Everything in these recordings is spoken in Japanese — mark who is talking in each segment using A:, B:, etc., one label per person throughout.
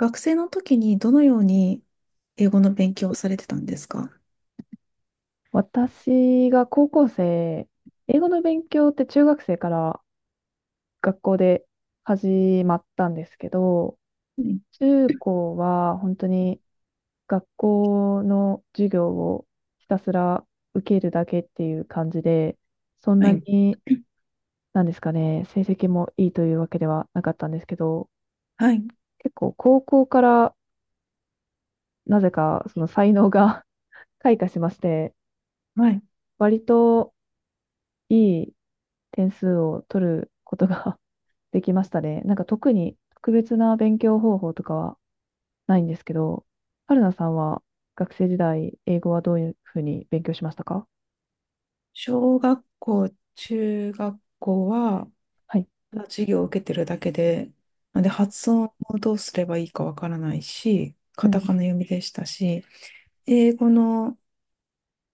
A: 学生の時にどのように英語の勉強をされてたんですか？
B: 私が高校生、英語の勉強って中学生から学校で始まったんですけど、
A: はい。
B: 中高は本当に学校の授業をひたすら受けるだけっていう感じで、そん
A: は
B: な
A: い。
B: に、なんですかね、成績もいいというわけではなかったんですけど、
A: はい
B: 結構高校からなぜかその才能が 開花しまして、
A: はい。
B: 割といい点数を取ることが できましたね。なんか特に特別な勉強方法とかはないんですけど、春菜さんは学生時代、英語はどういうふうに勉強しましたか？
A: 小学校、中学校は
B: はい。
A: ただ授業を受けてるだけで、なんで、発音をどうすればいいかわからないし、
B: う
A: カタ
B: ん。
A: カナ読みでしたし、英語の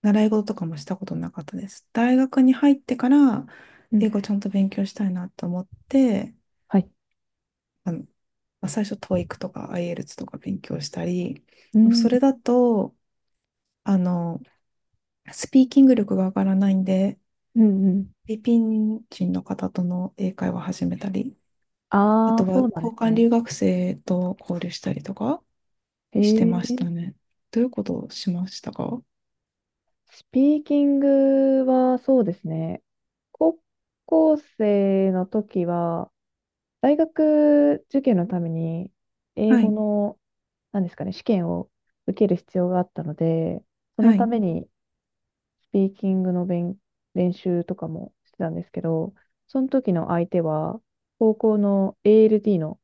A: 習い事とかもしたことなかったです。大学に入ってから
B: う
A: 英
B: ん。
A: 語ちゃんと勉強したいなと思って、
B: はい。
A: まあ、最初 TOEIC とか IELTS とか勉強したり、で
B: う
A: も
B: ん。
A: そ
B: う
A: れだと、あの、スピーキング力が上がらないんで、
B: ん。うん。
A: フィリピン人の方との英会話を始めたり、あ
B: あ
A: と
B: あ、
A: は
B: そうなん
A: 交
B: です
A: 換
B: ね。
A: 留学生と交流したりとか
B: え
A: してまし
B: ー、
A: たね。どういうことをしましたか？
B: スピーキングはそうですね。高校生の時は、大学受験のために、英
A: は
B: 語
A: い、
B: の、なんですかね、試験を受ける必要があったので、その
A: は
B: た
A: い、
B: めにスピーキングの練習とかもしてたんですけど、その時の相手は、高校の ALD の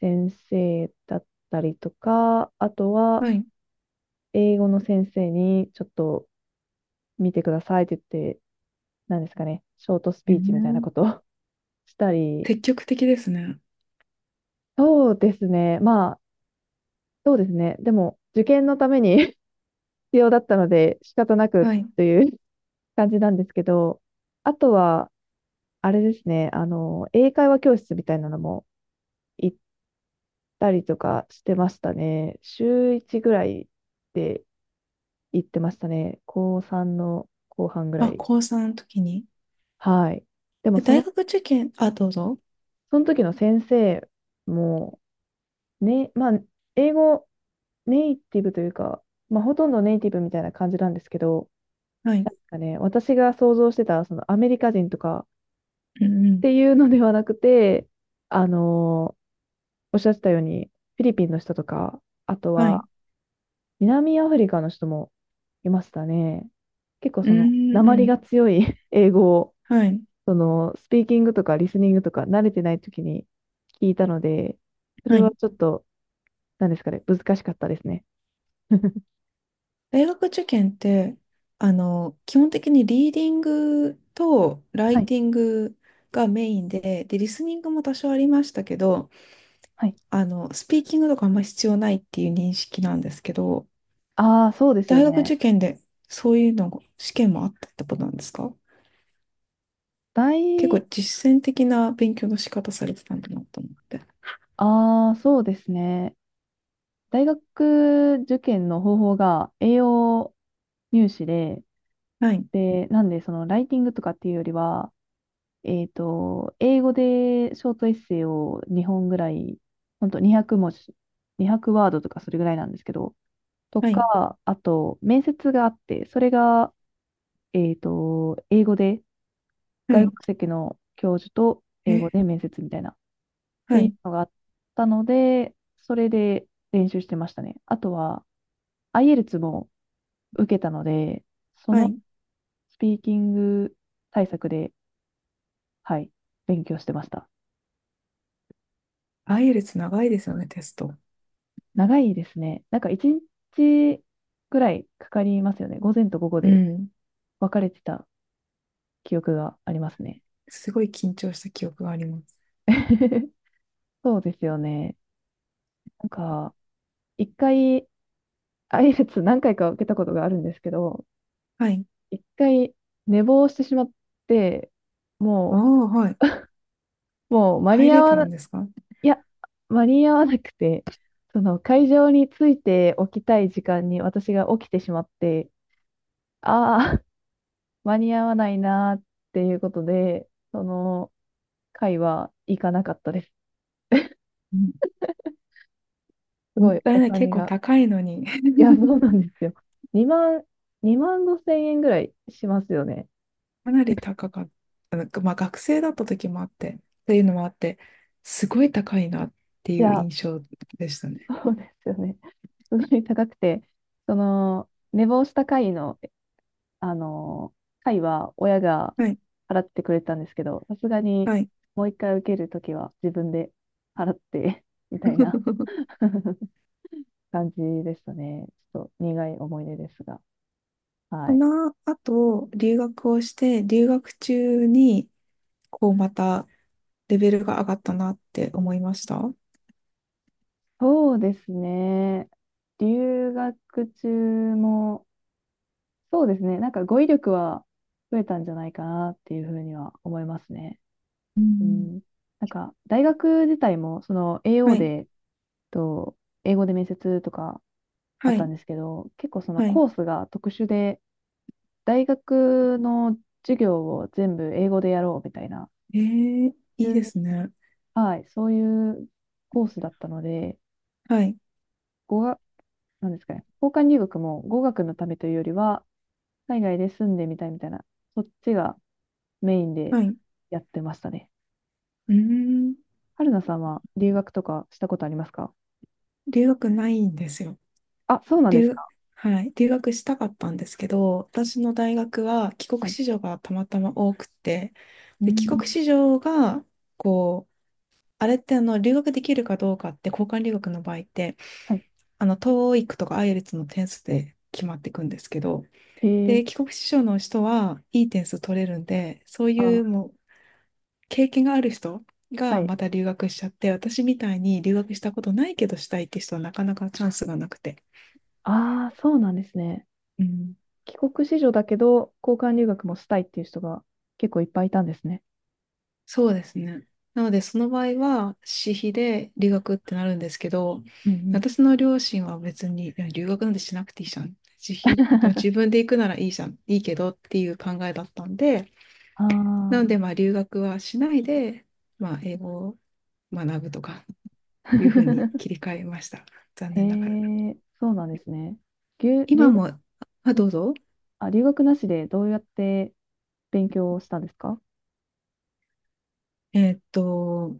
B: 先生だったりとか、あとは、
A: はい。
B: 英語の先生に、ちょっと見てくださいって言って、なんですかね、ショートス
A: え
B: ピーチみたいな
A: ー、
B: ことを したり、
A: 積極的ですね。
B: そうですね、まあ、そうですね、でも、受験のために 必要だったので、仕方なく
A: はい。
B: という 感じなんですけど、あとは、あれですね、英会話教室みたいなのも行ったりとかしてましたね。週1ぐらいで行ってましたね。高3の後半ぐら
A: あ、高
B: い。
A: 3の時に。
B: はい。でも、そ
A: 大
B: の、
A: 学受験、あ、どうぞ。
B: その時の先生も、ね、まあ、英語ネイティブというか、まあ、ほとんどネイティブみたいな感じなんですけど、
A: はい。
B: なんかね、私が想像してた、そのアメリカ人とか
A: うんう
B: って
A: ん。
B: いうのではなくて、あの、おっしゃってたように、フィリピンの人とか、あと
A: はい。
B: は、南アフリカの人もいましたね。結構
A: う
B: その、
A: ん
B: 訛
A: う
B: り
A: ん。
B: が強い 英語を、
A: はい。
B: その、スピーキングとかリスニングとか慣れてない時に聞いたので、そ
A: は
B: れは
A: い。
B: ちょっと、なんですかね、難しかったですね。
A: 大学受験って、基本的にリーディングとラ
B: は
A: イ
B: い。
A: ティングがメインで、で、リスニングも多少ありましたけど、
B: はい。
A: スピーキングとかあんま必要ないっていう認識なんですけど、
B: ああ、そうですよ
A: 大学
B: ね。
A: 受験でそういうの、試験もあったってことなんですか？結構
B: 大、
A: 実践的な勉強の仕方されてたんだなと思って。
B: ああ、そうですね。大学受験の方法が栄養入試で、
A: はい、
B: で、なんで、その、ライティングとかっていうよりは、英語でショートエッセイを2本ぐらい、ほんと200文字、200ワードとかそれぐらいなんですけど、と
A: はい、
B: か、あと、面接があって、それが、英語で、
A: は
B: 外
A: い、
B: 国籍の教授と英
A: え、
B: 語で面接みたいな、って
A: は
B: いう
A: い、
B: のがあったので、それで練習してましたね。あとは、IELTS も受けたので、そ
A: は
B: の
A: い。
B: スピーキング対策で、はい、勉強してました。
A: アイエルツ長いですよね、テスト。
B: 長いですね。なんか一日ぐらいかかりますよね。午前と午後
A: う
B: で
A: ん。
B: 分かれてた記憶がありますね。
A: すごい緊張した記憶があります。
B: そうですよね。なんか、一回、IELTS 何回か受けたことがあるんですけど、
A: はい。
B: 一回寝坊してしまって、
A: ああ、
B: も
A: はい。
B: もう間
A: 入
B: に合
A: れ
B: わ
A: た
B: な、
A: んですか？
B: いや、間に合わなくて、その会場に着いておきたい時間に私が起きてしまって、ああ、間に合わないなーっていうことで、その、回は行かなかったです。
A: うん、
B: す
A: もっ
B: ごい
A: たい
B: お
A: ない。結
B: 金
A: 構
B: が。
A: 高いのに。
B: い や、そうなんですよ。2万、2万5千円ぐらいしますよね。
A: かなり高かった。なんかまあ、学生だった時もあって、というのもあって、すごい高いなって
B: い
A: いう
B: や、
A: 印象でしたね。
B: そうですよね。すごい高くて、その、寝坊した回の、あの、回は親が
A: はい、
B: 払ってくれたんですけど、さすがに
A: はい。
B: もう一回受けるときは自分で払ってみたいな 感じでしたね。ちょっと苦い思い出ですが。は
A: そ
B: い。
A: の後、留学をして、留学中に、こうまたレベルが上がったなって思いました。う
B: そうですね。留学中も、そうですね。なんか語彙力は増えたんじゃないかなっていうふうには思いますね。う
A: ん。
B: ん。なんか大学自体も、その
A: は
B: AO
A: い、
B: で、と、英語で面接とかあっ
A: は
B: たん
A: い、
B: ですけど、結構その
A: はい。
B: コースが特殊で、大学の授業を全部英語でやろうみたいな、
A: えー、
B: い
A: いい
B: う
A: ですね。
B: はい、そういうコースだったので、
A: はい、
B: 語学、なんですかね、交換留学も語学のためというよりは、海外で住んでみたいみたいな、そっちがメインで
A: はい。う
B: やってましたね。
A: ーん、
B: 春菜さんは留学とかしたことありますか？
A: 留学ないんですよ。
B: あ、そうなんです
A: 留、
B: か。
A: はい、留学したかったんですけど、私の大学は帰国
B: はい。
A: 子女がたまたま多くて、
B: う
A: で、帰国
B: ん。
A: 子女が、こう、あれって留学できるかどうかって交換留学の場合って
B: はい。
A: TOEIC とか IELTS の点数で決まっていくんですけど、
B: へえ。
A: で、帰国子女の人はいい点数取れるんで、そうい
B: あ、
A: うもう経験がある人
B: は
A: が
B: い。
A: また留学しちゃって、私みたいに留学したことないけどしたいって人はなかなかチャンスがなくて。
B: ああ、そうなんですね。
A: うん、
B: 帰国子女だけど、交換留学もしたいっていう人が結構いっぱいいたんですね。
A: そうですね。なので、その場合は私費で留学ってなるんですけど、
B: うんうん。
A: 私の両親は別に、いや留学なんてしなくていいじゃん。自費、自分で行くならいいじゃん、いいけどっていう考えだったんで、
B: あ
A: なの
B: あ。
A: で、まあ留学はしないで、まあ英語を学ぶとか、いうふうに切り 替えました。残
B: へ
A: 念ながら。
B: え、そうなんですね。留、
A: 今
B: 留学、
A: も、あ、どうぞ。
B: あ、留学なしでどうやって勉強をしたんですか？
A: えーっと、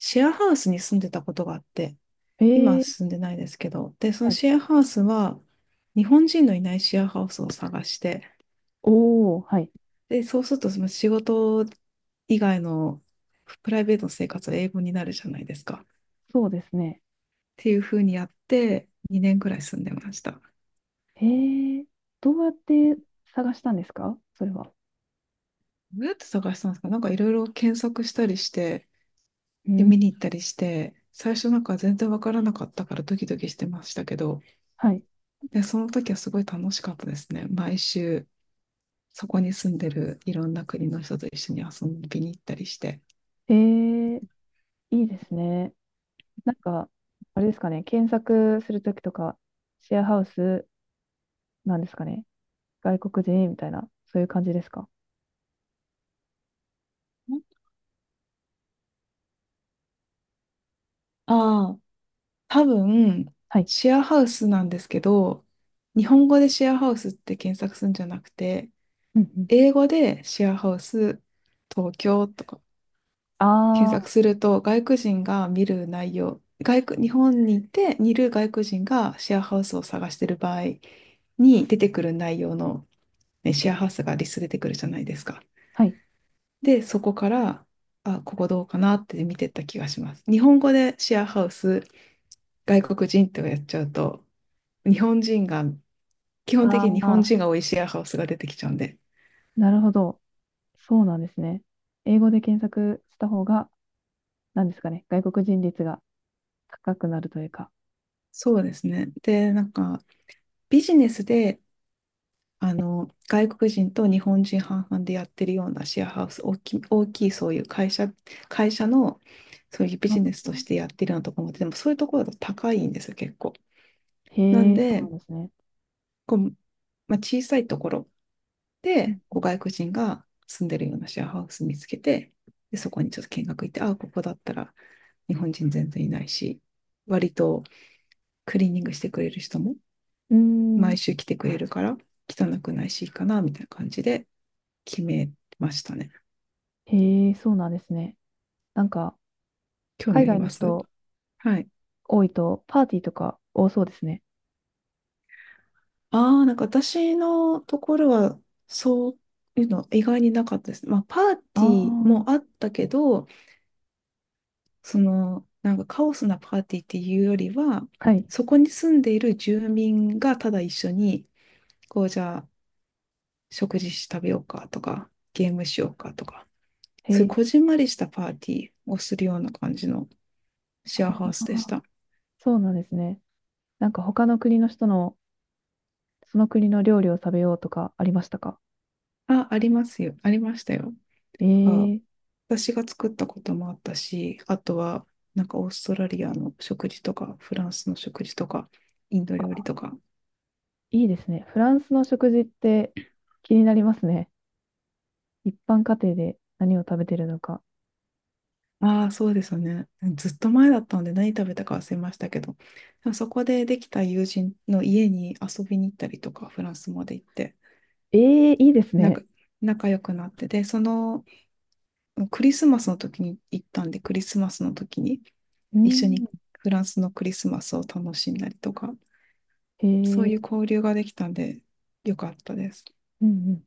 A: シェアハウスに住んでたことがあって、
B: へ
A: 今は
B: え。
A: 住んでないですけど、で、その
B: はい。
A: シェアハウスは、日本人のいないシェアハウスを探して、
B: おお、はい。
A: で、そうすると、その仕事以外のプライベートの生活は英語になるじゃないですか。っ
B: そうですね。
A: ていうふうにやって、2年くらい住んでました。ど
B: へえ、どうやって探したんですかそれは。
A: うやって探したんですか？なんかいろいろ検索したりして、
B: う
A: で、
B: ん。
A: 見に行ったりして、最初なんか全然わからなかったからドキドキしてましたけど、
B: はい。
A: で、その時はすごい楽しかったですね。毎週、そこに住んでるいろんな国の人と一緒に遊びに行ったりして。
B: へえ、いいですね。なんか、あれですかね、検索するときとか、シェアハウスなんですかね、外国人みたいな、そういう感じですか？
A: ああ、多分、
B: はい。
A: シェアハウスなんですけど、日本語でシェアハウスって検索するんじゃなくて、
B: うんうん。
A: 英語でシェアハウス東京とか検
B: ああ、
A: 索すると、外国人が見る内容、外国、日本にいて、いる外国人がシェアハウスを探してる場合に出てくる内容の、ね、シェアハウスがリスト出てくるじゃないですか。
B: はい。
A: で、そこから、あ、ここどうかなって見てった気がします。日本語でシェアハウス、外国人ってやっちゃうと、日本人が、基本
B: あ
A: 的に日本
B: あ、
A: 人が多いシェアハウスが出てきちゃうんで。
B: なるほど。そうなんですね。英語で検索した方が、なんですかね、外国人率が高くなるというか。
A: そうですね。で、なんか、ビジネスで、外国人と日本人半々でやってるようなシェアハウス、大きいそういう会社の、そういうビ
B: あ
A: ジネス
B: ー、
A: としてやってるようなところも、でもそういうところだと高いんですよ、結構。
B: へ
A: なん
B: え、そう
A: で、
B: なんですね。
A: こう、まあ、小さいところ、
B: う
A: で、
B: ん。
A: こう外国人が住んでるようなシェアハウス見つけて、で、そこにちょっと見学行って、ああ、ここだったら日本人全然いないし、割とクリーニングしてくれる人も
B: うーん、
A: 毎週来てくれるから汚くないしいいかな、みたいな感じで決めましたね。
B: へえ、そうなんですね。なんか、
A: 興味
B: 海
A: あり
B: 外の
A: ます？
B: 人
A: はい。
B: 多いと、パーティーとか多そうですね。
A: ああ、なんか私のところはそういうの意外になかったです。まあ、パー
B: あ
A: テ
B: あ、
A: ィーもあったけど、その、なんかカオスなパーティーっていうよりは、
B: はい。
A: そこに住んでいる住民がただ一緒に、こう、じゃあ、食事し食べようかとか、ゲームしようかとか、
B: へ
A: そういうこ
B: え、
A: じんまりしたパーティーをするような感じのシェア
B: あ
A: ハウスでし
B: あ、
A: た。
B: そうなんですね。なんか、他の国の人の、その国の料理を食べようとかありましたか？
A: あ、ありますよ。ありましたよ。
B: え
A: あ、
B: え、
A: 私が作ったこともあったし、あとは、なんかオーストラリアの食事とか、フランスの食事とか、インド料理
B: あ、
A: とか、
B: いいですね。フランスの食事って気になりますね。一般家庭で何を食べてるのか。
A: ああ、そうですよね。ずっと前だったので何食べたか忘れましたけど、でもそこでできた友人の家に遊びに行ったりとか、フランスまで行って、
B: ええ、いいです
A: なん
B: ね。
A: か仲良くなって、で、そのクリスマスの時に行ったんで、クリスマスの時に
B: う
A: 一緒に
B: ん、
A: フランスのクリスマスを楽しんだりとか、
B: へ
A: そうい
B: え、
A: う交流ができたんで、よかったです。
B: うんうん